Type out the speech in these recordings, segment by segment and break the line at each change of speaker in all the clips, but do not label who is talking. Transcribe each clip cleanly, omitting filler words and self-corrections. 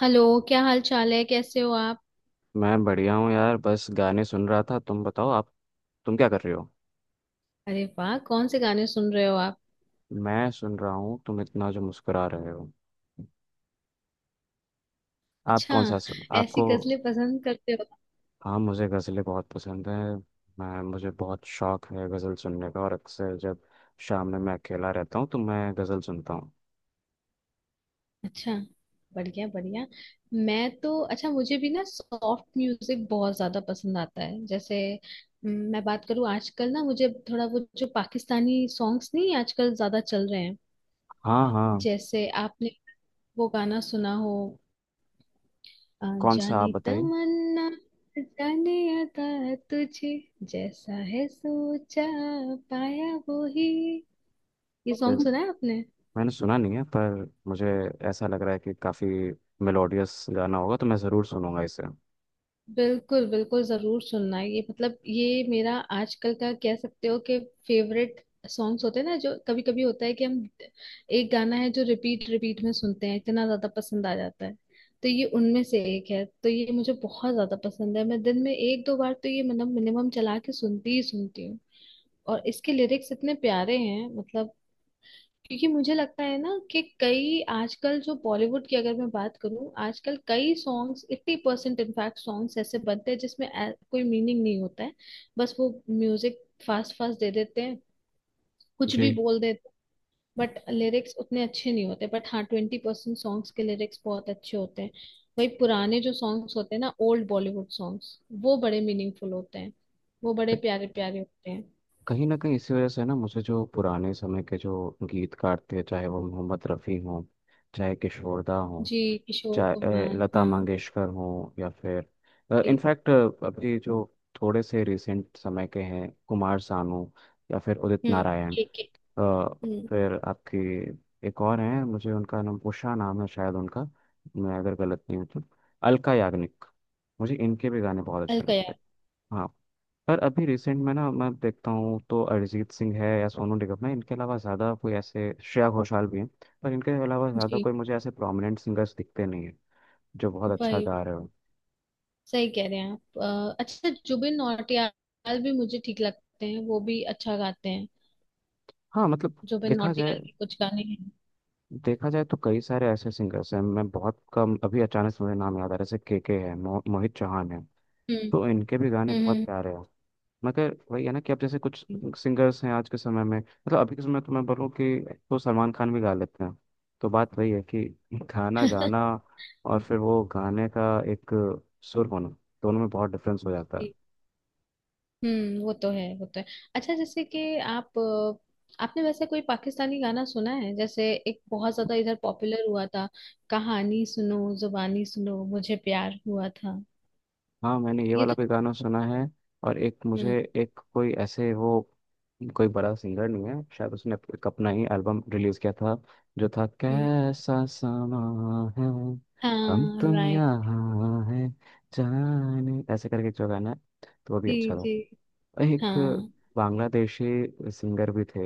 Hello. क्या हाल चाल है, कैसे हो आप?
मैं बढ़िया हूँ यार, बस गाने सुन रहा था। तुम बताओ, आप तुम क्या कर रहे हो।
अरे वाह, कौन से गाने सुन रहे हो आप?
मैं सुन रहा हूँ तुम इतना जो मुस्कुरा रहे हो। आप
अच्छा,
कौन सा सुन
ऐसी
आपको।
गजलें पसंद करते हो?
हाँ, मुझे गज़लें बहुत पसंद हैं। मैं मुझे बहुत शौक है गज़ल सुनने का, और अक्सर जब शाम में मैं अकेला रहता हूँ तो मैं गज़ल सुनता हूँ।
अच्छा। बढ़िया बढ़िया। मैं तो अच्छा, मुझे भी ना सॉफ्ट म्यूजिक बहुत ज्यादा पसंद आता है। जैसे मैं बात करूँ, आजकल ना मुझे थोड़ा वो जो पाकिस्तानी सॉन्ग्स नहीं आजकल ज्यादा चल रहे हैं।
हाँ हाँ।
जैसे आपने वो गाना सुना हो। आ
कौन सा
जाने
आप बताइए।
तमन्ना, जाने अता तुझे, जैसा है सोचा पाया वो ही। ये
फिर
सॉन्ग सुना है आपने?
मैंने सुना नहीं है, पर मुझे ऐसा लग रहा है कि काफ़ी मेलोडियस गाना होगा, तो मैं ज़रूर सुनूंगा इसे।
बिल्कुल बिल्कुल, जरूर सुनना। ये मतलब ये मेरा आजकल का कह सकते हो कि फेवरेट सॉन्ग्स होते हैं ना। जो कभी कभी होता है कि हम एक गाना है जो रिपीट रिपीट में सुनते हैं, इतना ज्यादा पसंद आ जाता है। तो ये उनमें से एक है, तो ये मुझे बहुत ज्यादा पसंद है। मैं दिन में एक दो बार तो ये मतलब मिनिमम चला के सुनती ही सुनती हूँ। और इसके लिरिक्स इतने प्यारे हैं मतलब, क्योंकि मुझे लगता है ना कि कई आजकल जो बॉलीवुड की अगर मैं बात करूं, आजकल कई सॉन्ग्स 80% इनफैक्ट सॉन्ग्स ऐसे बनते हैं जिसमें कोई मीनिंग नहीं होता है। बस वो म्यूजिक फास्ट फास्ट दे देते हैं, कुछ भी
जी,
बोल देते हैं। बट लिरिक्स उतने अच्छे नहीं होते, बट हाँ 20% सॉन्ग्स के लिरिक्स बहुत अच्छे होते हैं। वही पुराने जो सॉन्ग्स होते हैं ना, ओल्ड बॉलीवुड सॉन्ग्स, वो बड़े मीनिंगफुल होते हैं। वो बड़े प्यारे प्यारे होते हैं।
कहीं ना कहीं इसी वजह से ना मुझे जो पुराने समय के जो गीतकार थे, चाहे वो मोहम्मद रफ़ी हों, चाहे किशोरदा हों,
जी। किशोर
चाहे
कुमार,
लता
हाँ।
मंगेशकर हों, या फिर
जी।
इनफैक्ट अभी जो थोड़े से रिसेंट समय के हैं, कुमार सानू या फिर उदित
हम्म।
नारायण।
के।
अ,
हम्म।
फिर आपकी एक और हैं, मुझे उनका नाम उषा नाम है शायद उनका, मैं अगर गलत नहीं हूँ तो अलका याग्निक। मुझे इनके भी गाने बहुत अच्छे लगते
अलकयार।
हैं। हाँ, पर अभी रिसेंट में ना मैं देखता हूँ तो अरिजीत सिंह है या सोनू निगम है, इनके अलावा ज़्यादा कोई ऐसे, श्रेया घोषाल भी हैं, पर इनके अलावा ज़्यादा
जी।
कोई मुझे ऐसे प्रोमिनेंट सिंगर्स दिखते नहीं है जो बहुत अच्छा
वही।
गा रहे हो।
सही कह रहे हैं आप। अच्छा जुबिन नौटियाल भी मुझे ठीक लगते हैं, वो भी अच्छा गाते हैं।
हाँ मतलब
जुबिन
देखा
नौटियाल
जाए,
के कुछ गाने हैं।
देखा जाए तो कई सारे ऐसे सिंगर्स हैं, मैं बहुत कम अभी अचानक से मुझे नाम याद आ रहा है, जैसे के है, मोहित चौहान है,
हम्म।
तो इनके भी गाने बहुत
हम्म।
प्यारे हैं। मगर वही है ना कि अब जैसे कुछ
हम्म।
सिंगर्स हैं आज के समय में, मतलब अभी के समय में, तो मैं बोलूँ कि तो सलमान खान भी गा लेते हैं। तो बात वही है कि गाना गाना और फिर वो गाने का एक सुर होना, दोनों में बहुत डिफरेंस हो जाता है।
जी। हम्म। वो तो है वो तो है। अच्छा, जैसे कि आप आपने वैसे कोई पाकिस्तानी गाना सुना है, जैसे एक बहुत ज्यादा इधर पॉपुलर हुआ था, कहानी सुनो जुबानी सुनो मुझे प्यार हुआ था?
हाँ, मैंने ये
ये
वाला
तो।
भी गाना सुना है। और एक
हम्म।
मुझे एक कोई ऐसे वो, कोई बड़ा सिंगर नहीं है शायद, उसने एक अपना ही एल्बम रिलीज किया था, जो था
हम्म।
कैसा समा है, हम
हाँ
तुम
राइट।
यहाँ है, जाने ऐसे करके जो गाना है, तो वो भी
जी
अच्छा था।
जी।
एक
हाँ।
बांग्लादेशी सिंगर भी थे,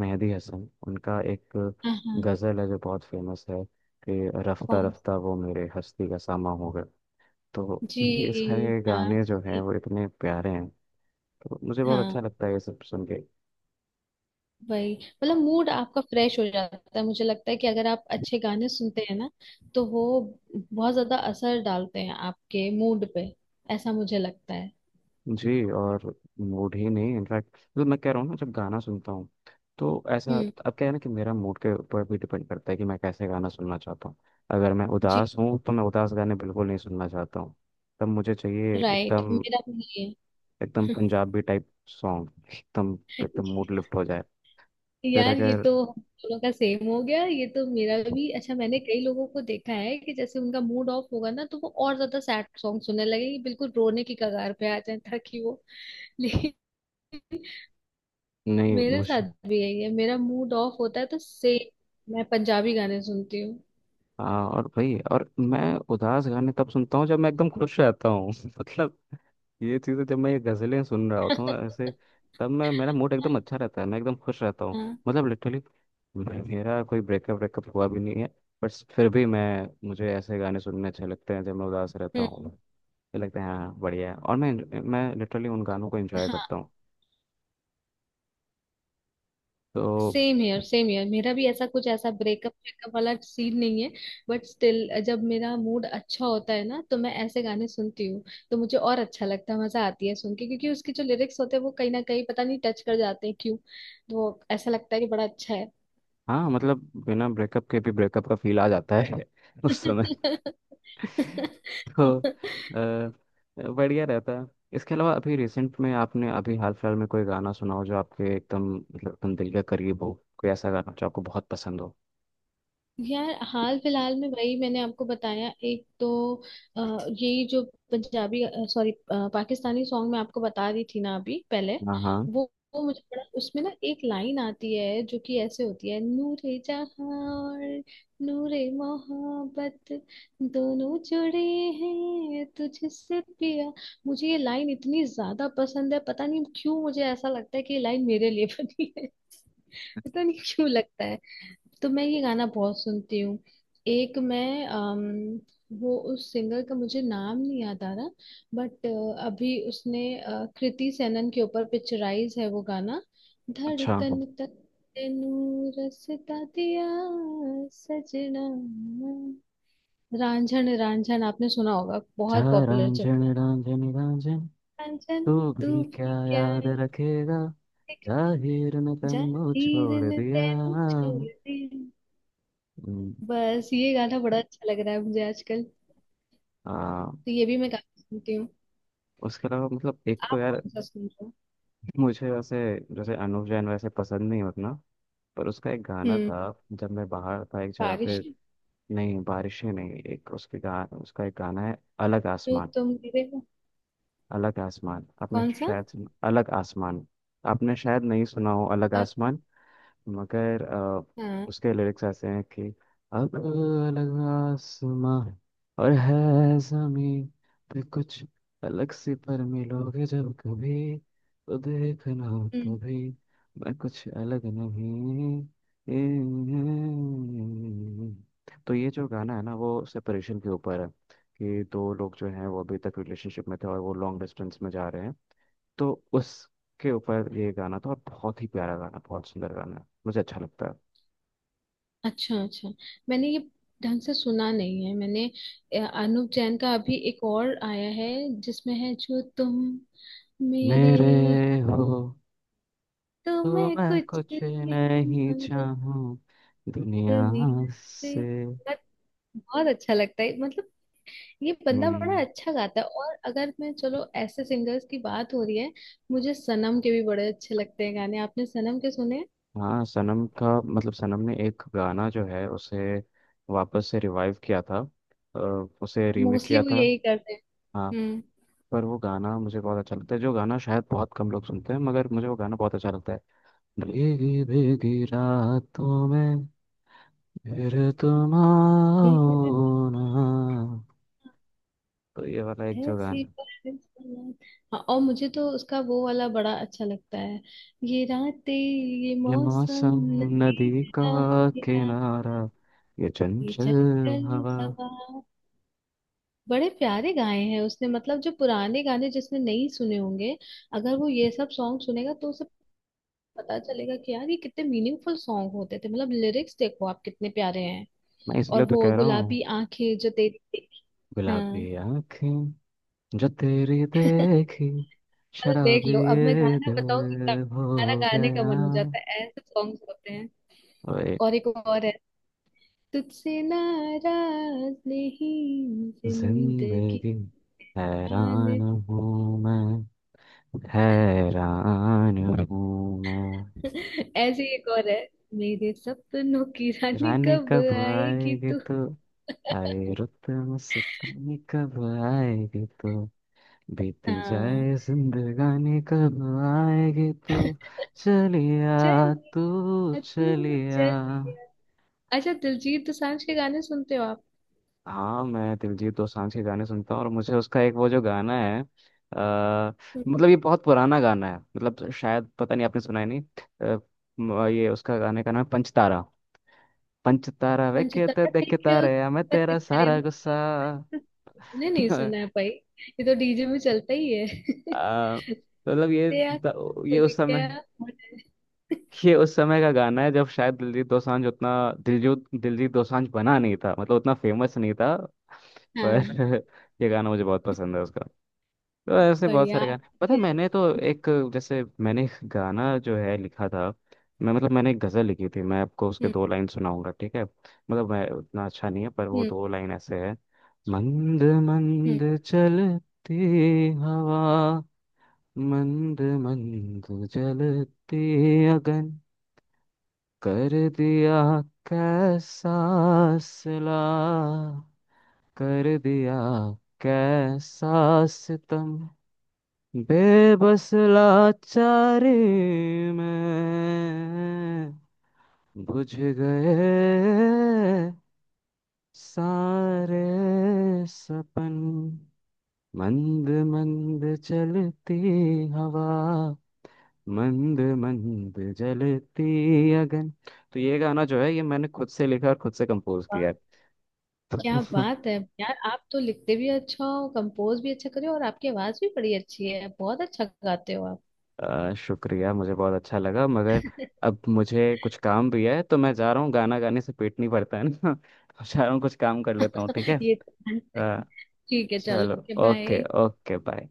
मेहदी हसन, उनका एक
हाँ हाँ।
गजल है जो बहुत फेमस है, कि रफ्ता
कौन।
रफ्ता वो मेरे हस्ती का सामा हो गए। तो
जी।
ये सारे
हाँ
गाने जो हैं
सुनिए।
वो इतने प्यारे हैं, तो मुझे बहुत
हाँ
अच्छा लगता है ये सब सुन के।
वही, मतलब मूड आपका फ्रेश हो जाता है। मुझे लगता है कि अगर आप अच्छे गाने सुनते हैं ना तो वो बहुत ज्यादा असर डालते हैं आपके मूड पे। ऐसा मुझे लगता है।
जी, और मूड ही नहीं, इनफैक्ट मतलब मैं कह रहा हूँ ना जब गाना सुनता हूँ तो ऐसा,
हम्म।
अब क्या है ना कि मेरा मूड के ऊपर भी डिपेंड करता है कि मैं कैसे गाना सुनना चाहता हूँ। अगर मैं
जी
उदास हूँ तो मैं उदास गाने बिल्कुल नहीं सुनना चाहता हूँ। तब मुझे चाहिए
राइट,
एकदम,
मेरा भी ये
एकदम
है।
पंजाबी टाइप सॉन्ग, एकदम एकदम मूड लिफ्ट हो जाए। फिर
यार, ये
अगर
तो हम दोनों का सेम हो गया। ये तो मेरा भी अच्छा। मैंने कई लोगों को देखा है कि जैसे उनका मूड ऑफ होगा ना तो वो और ज्यादा सैड सॉन्ग सुनने लगे, कि बिल्कुल रोने की कगार पे आ जाए ताकि वो। ले,
नहीं
मेरे साथ
मुझे,
भी यही है। मेरा मूड ऑफ होता है तो से मैं पंजाबी गाने सुनती हूँ।
हाँ, और भाई, और मैं उदास गाने तब सुनता हूँ जब मैं एकदम खुश रहता हूँ मतलब ये चीज़ें, जब मैं ये गजलें सुन रहा होता हूँ ऐसे, तब मैं मेरा मूड एकदम अच्छा रहता है, मैं एकदम खुश रहता हूँ।
हाँ।
मतलब लिटरली मेरा कोई ब्रेकअप ब्रेकअप हुआ भी नहीं है, बट फिर भी मैं मुझे ऐसे गाने सुनने अच्छे लगते हैं जब मैं उदास रहता
हम्म।
हूँ। ये लगता है हाँ बढ़िया है, और मैं लिटरली उन गानों को एंजॉय
हाँ,
करता हूँ, तो
सेम हियर सेम हियर। मेरा भी ऐसा कुछ, ऐसा ब्रेकअप ब्रेकअप वाला सीन नहीं है। बट स्टिल जब मेरा मूड अच्छा होता है ना तो मैं ऐसे गाने सुनती हूँ, तो मुझे और अच्छा लगता है। मजा आती है सुन के, क्योंकि उसके जो लिरिक्स होते हैं वो कहीं ना कहीं पता नहीं टच कर जाते हैं क्यों, तो वो ऐसा लगता है कि बड़ा अच्छा है।
हाँ मतलब बिना ब्रेकअप के भी ब्रेकअप का फील आ जाता है उस समय तो बढ़िया रहता है। इसके अलावा अभी रिसेंट में आपने अभी हाल फिलहाल में कोई गाना सुना हो जो आपके एकदम मतलब एकदम दिल के करीब हो, कोई ऐसा गाना जो आपको बहुत पसंद हो।
यार, हाल फिलहाल में वही मैंने आपको बताया। एक तो यही जो पंजाबी, सॉरी पाकिस्तानी सॉन्ग मैं आपको बता रही थी ना अभी पहले।
हाँ हाँ,
वो मुझे बड़ा, उसमें ना एक लाइन आती है जो कि ऐसे होती है, नूरे जहां और नूरे मोहब्बत दोनों जुड़े हैं तुझसे पिया। मुझे ये लाइन इतनी ज्यादा पसंद है, पता नहीं क्यों मुझे ऐसा लगता है कि ये लाइन मेरे लिए बनी। पता नहीं क्यों लगता है। तो मैं ये गाना बहुत सुनती हूँ। एक मैं वो उस सिंगर का मुझे नाम नहीं याद आ रहा, बट अभी उसने कृति सेनन के ऊपर पिक्चराइज है वो गाना,
अच्छा
धड़कन तक तेनू रसता दिया सजना। रांझन रांझन आपने सुना होगा,
जा,
बहुत पॉपुलर चल।
रांझन रांझन रांझन,
रांझन
तू
तू
भी क्या
भी क्या
याद
है?
रखेगा, जाहिर ने तन्नो
जाहिर
छोड़
ने
दिया।
तेनू छोड़ दिया। बस ये गाना बड़ा अच्छा लग रहा है मुझे आजकल, तो
आ,
ये भी मैं काफी सुनती हूँ।
उसके अलावा मतलब एक तो
आप
यार,
कौन सा सुन रहे हो?
मुझे वैसे जैसे अनुव जैन वैसे पसंद नहीं उतना, पर उसका एक गाना
हम्म।
था जब मैं बाहर था एक जगह पे।
बारिश है?
नहीं, बारिशें नहीं, एक उसके गा उसका एक गाना है, अलग
जो
आसमान।
तुम गिरे हो।
अलग आसमान आपने
कौन सा?
शायद सुना, अलग आसमान आपने शायद नहीं सुना हो, अलग
अच्छा।
आसमान। मगर उसके लिरिक्स ऐसे हैं कि अब अलग आसमां और है, जमीन पे कुछ अलग सी, पर मिलोगे जब कभी तो देखना
हम्म।
तभी, मैं कुछ अलग नहीं। तो ये जो गाना है ना वो सेपरेशन के ऊपर है, कि दो लोग जो हैं वो अभी तक रिलेशनशिप में थे और वो लॉन्ग डिस्टेंस में जा रहे हैं, तो उसके ऊपर ये गाना था, और बहुत ही प्यारा गाना, बहुत सुंदर गाना है, मुझे अच्छा लगता है।
अच्छा अच्छा, मैंने ये ढंग से सुना नहीं है। मैंने अनूप जैन का अभी एक और आया है, जिसमें है जो तुम मेरे,
मेरे हो
तो
तो
मैं
मैं
कुछ
कुछ
नहीं
नहीं
मांगू,
चाहूँ दुनिया
दुनिया
से।
से। बहुत बहुत अच्छा लगता है मतलब। ये बंदा बड़ा
हम्म।
अच्छा गाता है। और अगर मैं, चलो ऐसे सिंगर्स की बात हो रही है, मुझे सनम के भी बड़े अच्छे लगते हैं गाने। आपने सनम के सुने?
हाँ, सनम का मतलब सनम ने एक गाना जो है उसे वापस से रिवाइव किया था, अ, उसे रीमेक
मोस्टली
किया
वो
था।
यही करते हैं।
हाँ,
हम्म।
पर वो गाना मुझे बहुत अच्छा लगता है, जो गाना शायद बहुत कम लोग सुनते हैं, मगर मुझे वो गाना बहुत अच्छा लगता है, भीगी भीगी रातों में फिर तुम
ठीक है।
आओ ना। तो ये वाला एक जो
ऐसी
गाना
बातें सुना। हाँ, और मुझे तो उसका वो वाला बड़ा अच्छा लगता है। ये रातें ये
है। ये
मौसम,
मौसम, नदी
नदी
का
का ये रात,
किनारा, ये
ये
चंचल
जंगल
हवा।
हवा। बड़े प्यारे गाए हैं उसने, मतलब जो पुराने गाने जिसने नहीं सुने होंगे, अगर वो ये सब सॉन्ग सुनेगा तो उसे पता चलेगा कि यार ये कितने मीनिंगफुल सॉन्ग होते थे। मतलब लिरिक्स देखो आप कितने प्यारे हैं।
मैं
और
इसलिए तो
वो
कह रहा हूँ,
गुलाबी आंखें जो तेरी थी।
गुलाबी
हाँ,
आंखें जो तेरी देखी,
मतलब देख
शराबी
लो, अब मैं
ये
गाना
दिल
बताऊंगी, गाना
हो
गाने का
गया।
मन हो जाता है, ऐसे सॉन्ग्स होते हैं।
ओए
और एक और है, तुझसे नाराज नहीं जिंदगी।
जिंदगी, हैरान हूँ मैं, हैरान हूँ मैं।
ऐसे ही एक और है, मेरे सपनों की रानी
रानी
कब
कब
आएगी
आएगी
तू।
तू, आए रुत मुस्तानी कब आएगी तो, बीती
हाँ।
जाए जिंदगानी कब आएगी तो। चलिया, तू
चलिया, तू
चलिया।
चलिया। अच्छा, दिलजीत दोसांझ के गाने सुनते हो आप?
हाँ मैं दिलजीत दोसांझ के गाने सुनता हूँ, और मुझे उसका एक वो जो गाना है मतलब ये बहुत पुराना गाना है, मतलब शायद पता नहीं आपने सुना है नहीं, अ, ये उसका गाने का नाम है पंचतारा। पंचतारा वे कहते
पंचतंत्र
देख
के
तारे मैं
उत्पत्त
तेरा
करे
सारा गुस्सा।
नहीं नहीं, सुना है भाई, ये तो डीजे में चलता ही है।
तो मतलब ये,
तेरा
ये
खुल
उस
गया
समय
मुझे।
ये उस समय का गाना है जब शायद दिलजीत दोसांझ उतना, दिलजीत दिलजीत दोसांझ बना नहीं था, मतलब उतना फेमस नहीं था।
हाँ
पर ये गाना मुझे बहुत पसंद है उसका। तो ऐसे बहुत
बढ़िया।
सारे गाने, पता है मैंने तो एक, जैसे मैंने एक गाना जो है लिखा था, मैं मतलब मैंने एक गज़ल लिखी थी, मैं आपको उसके
हम्म।
दो लाइन सुनाऊंगा, ठीक है, मतलब मैं उतना अच्छा नहीं है, पर वो
हम्म।
दो लाइन ऐसे है। मंद
हम्म।
मंद चलती हवा, मंद मंद जलते अगन, कर दिया कैसा सिला, कर दिया कैसा सितम, बेबस लाचारी में बुझ गए सारे सपन। मंद मंद चलती हवा, मंद मंद जलती अगन। तो ये गाना जो है, ये मैंने खुद से लिखा और खुद से कंपोज किया है।
क्या बात है! यार आप तो लिखते भी अच्छा हो, कंपोज भी अच्छा करे हो, और आपकी आवाज भी बड़ी अच्छी है, बहुत अच्छा गाते हो आप।
शुक्रिया, मुझे बहुत अच्छा लगा, मगर अब मुझे कुछ काम भी है, तो मैं जा रहा हूँ, गाना गाने से पेट नहीं भरता है ना। जा रहा हूँ, कुछ काम कर लेता हूँ, ठीक है,
ये तो।
अ,
ठीक है,
चलो,
चलो
ओके
बाय।
Okay, bye.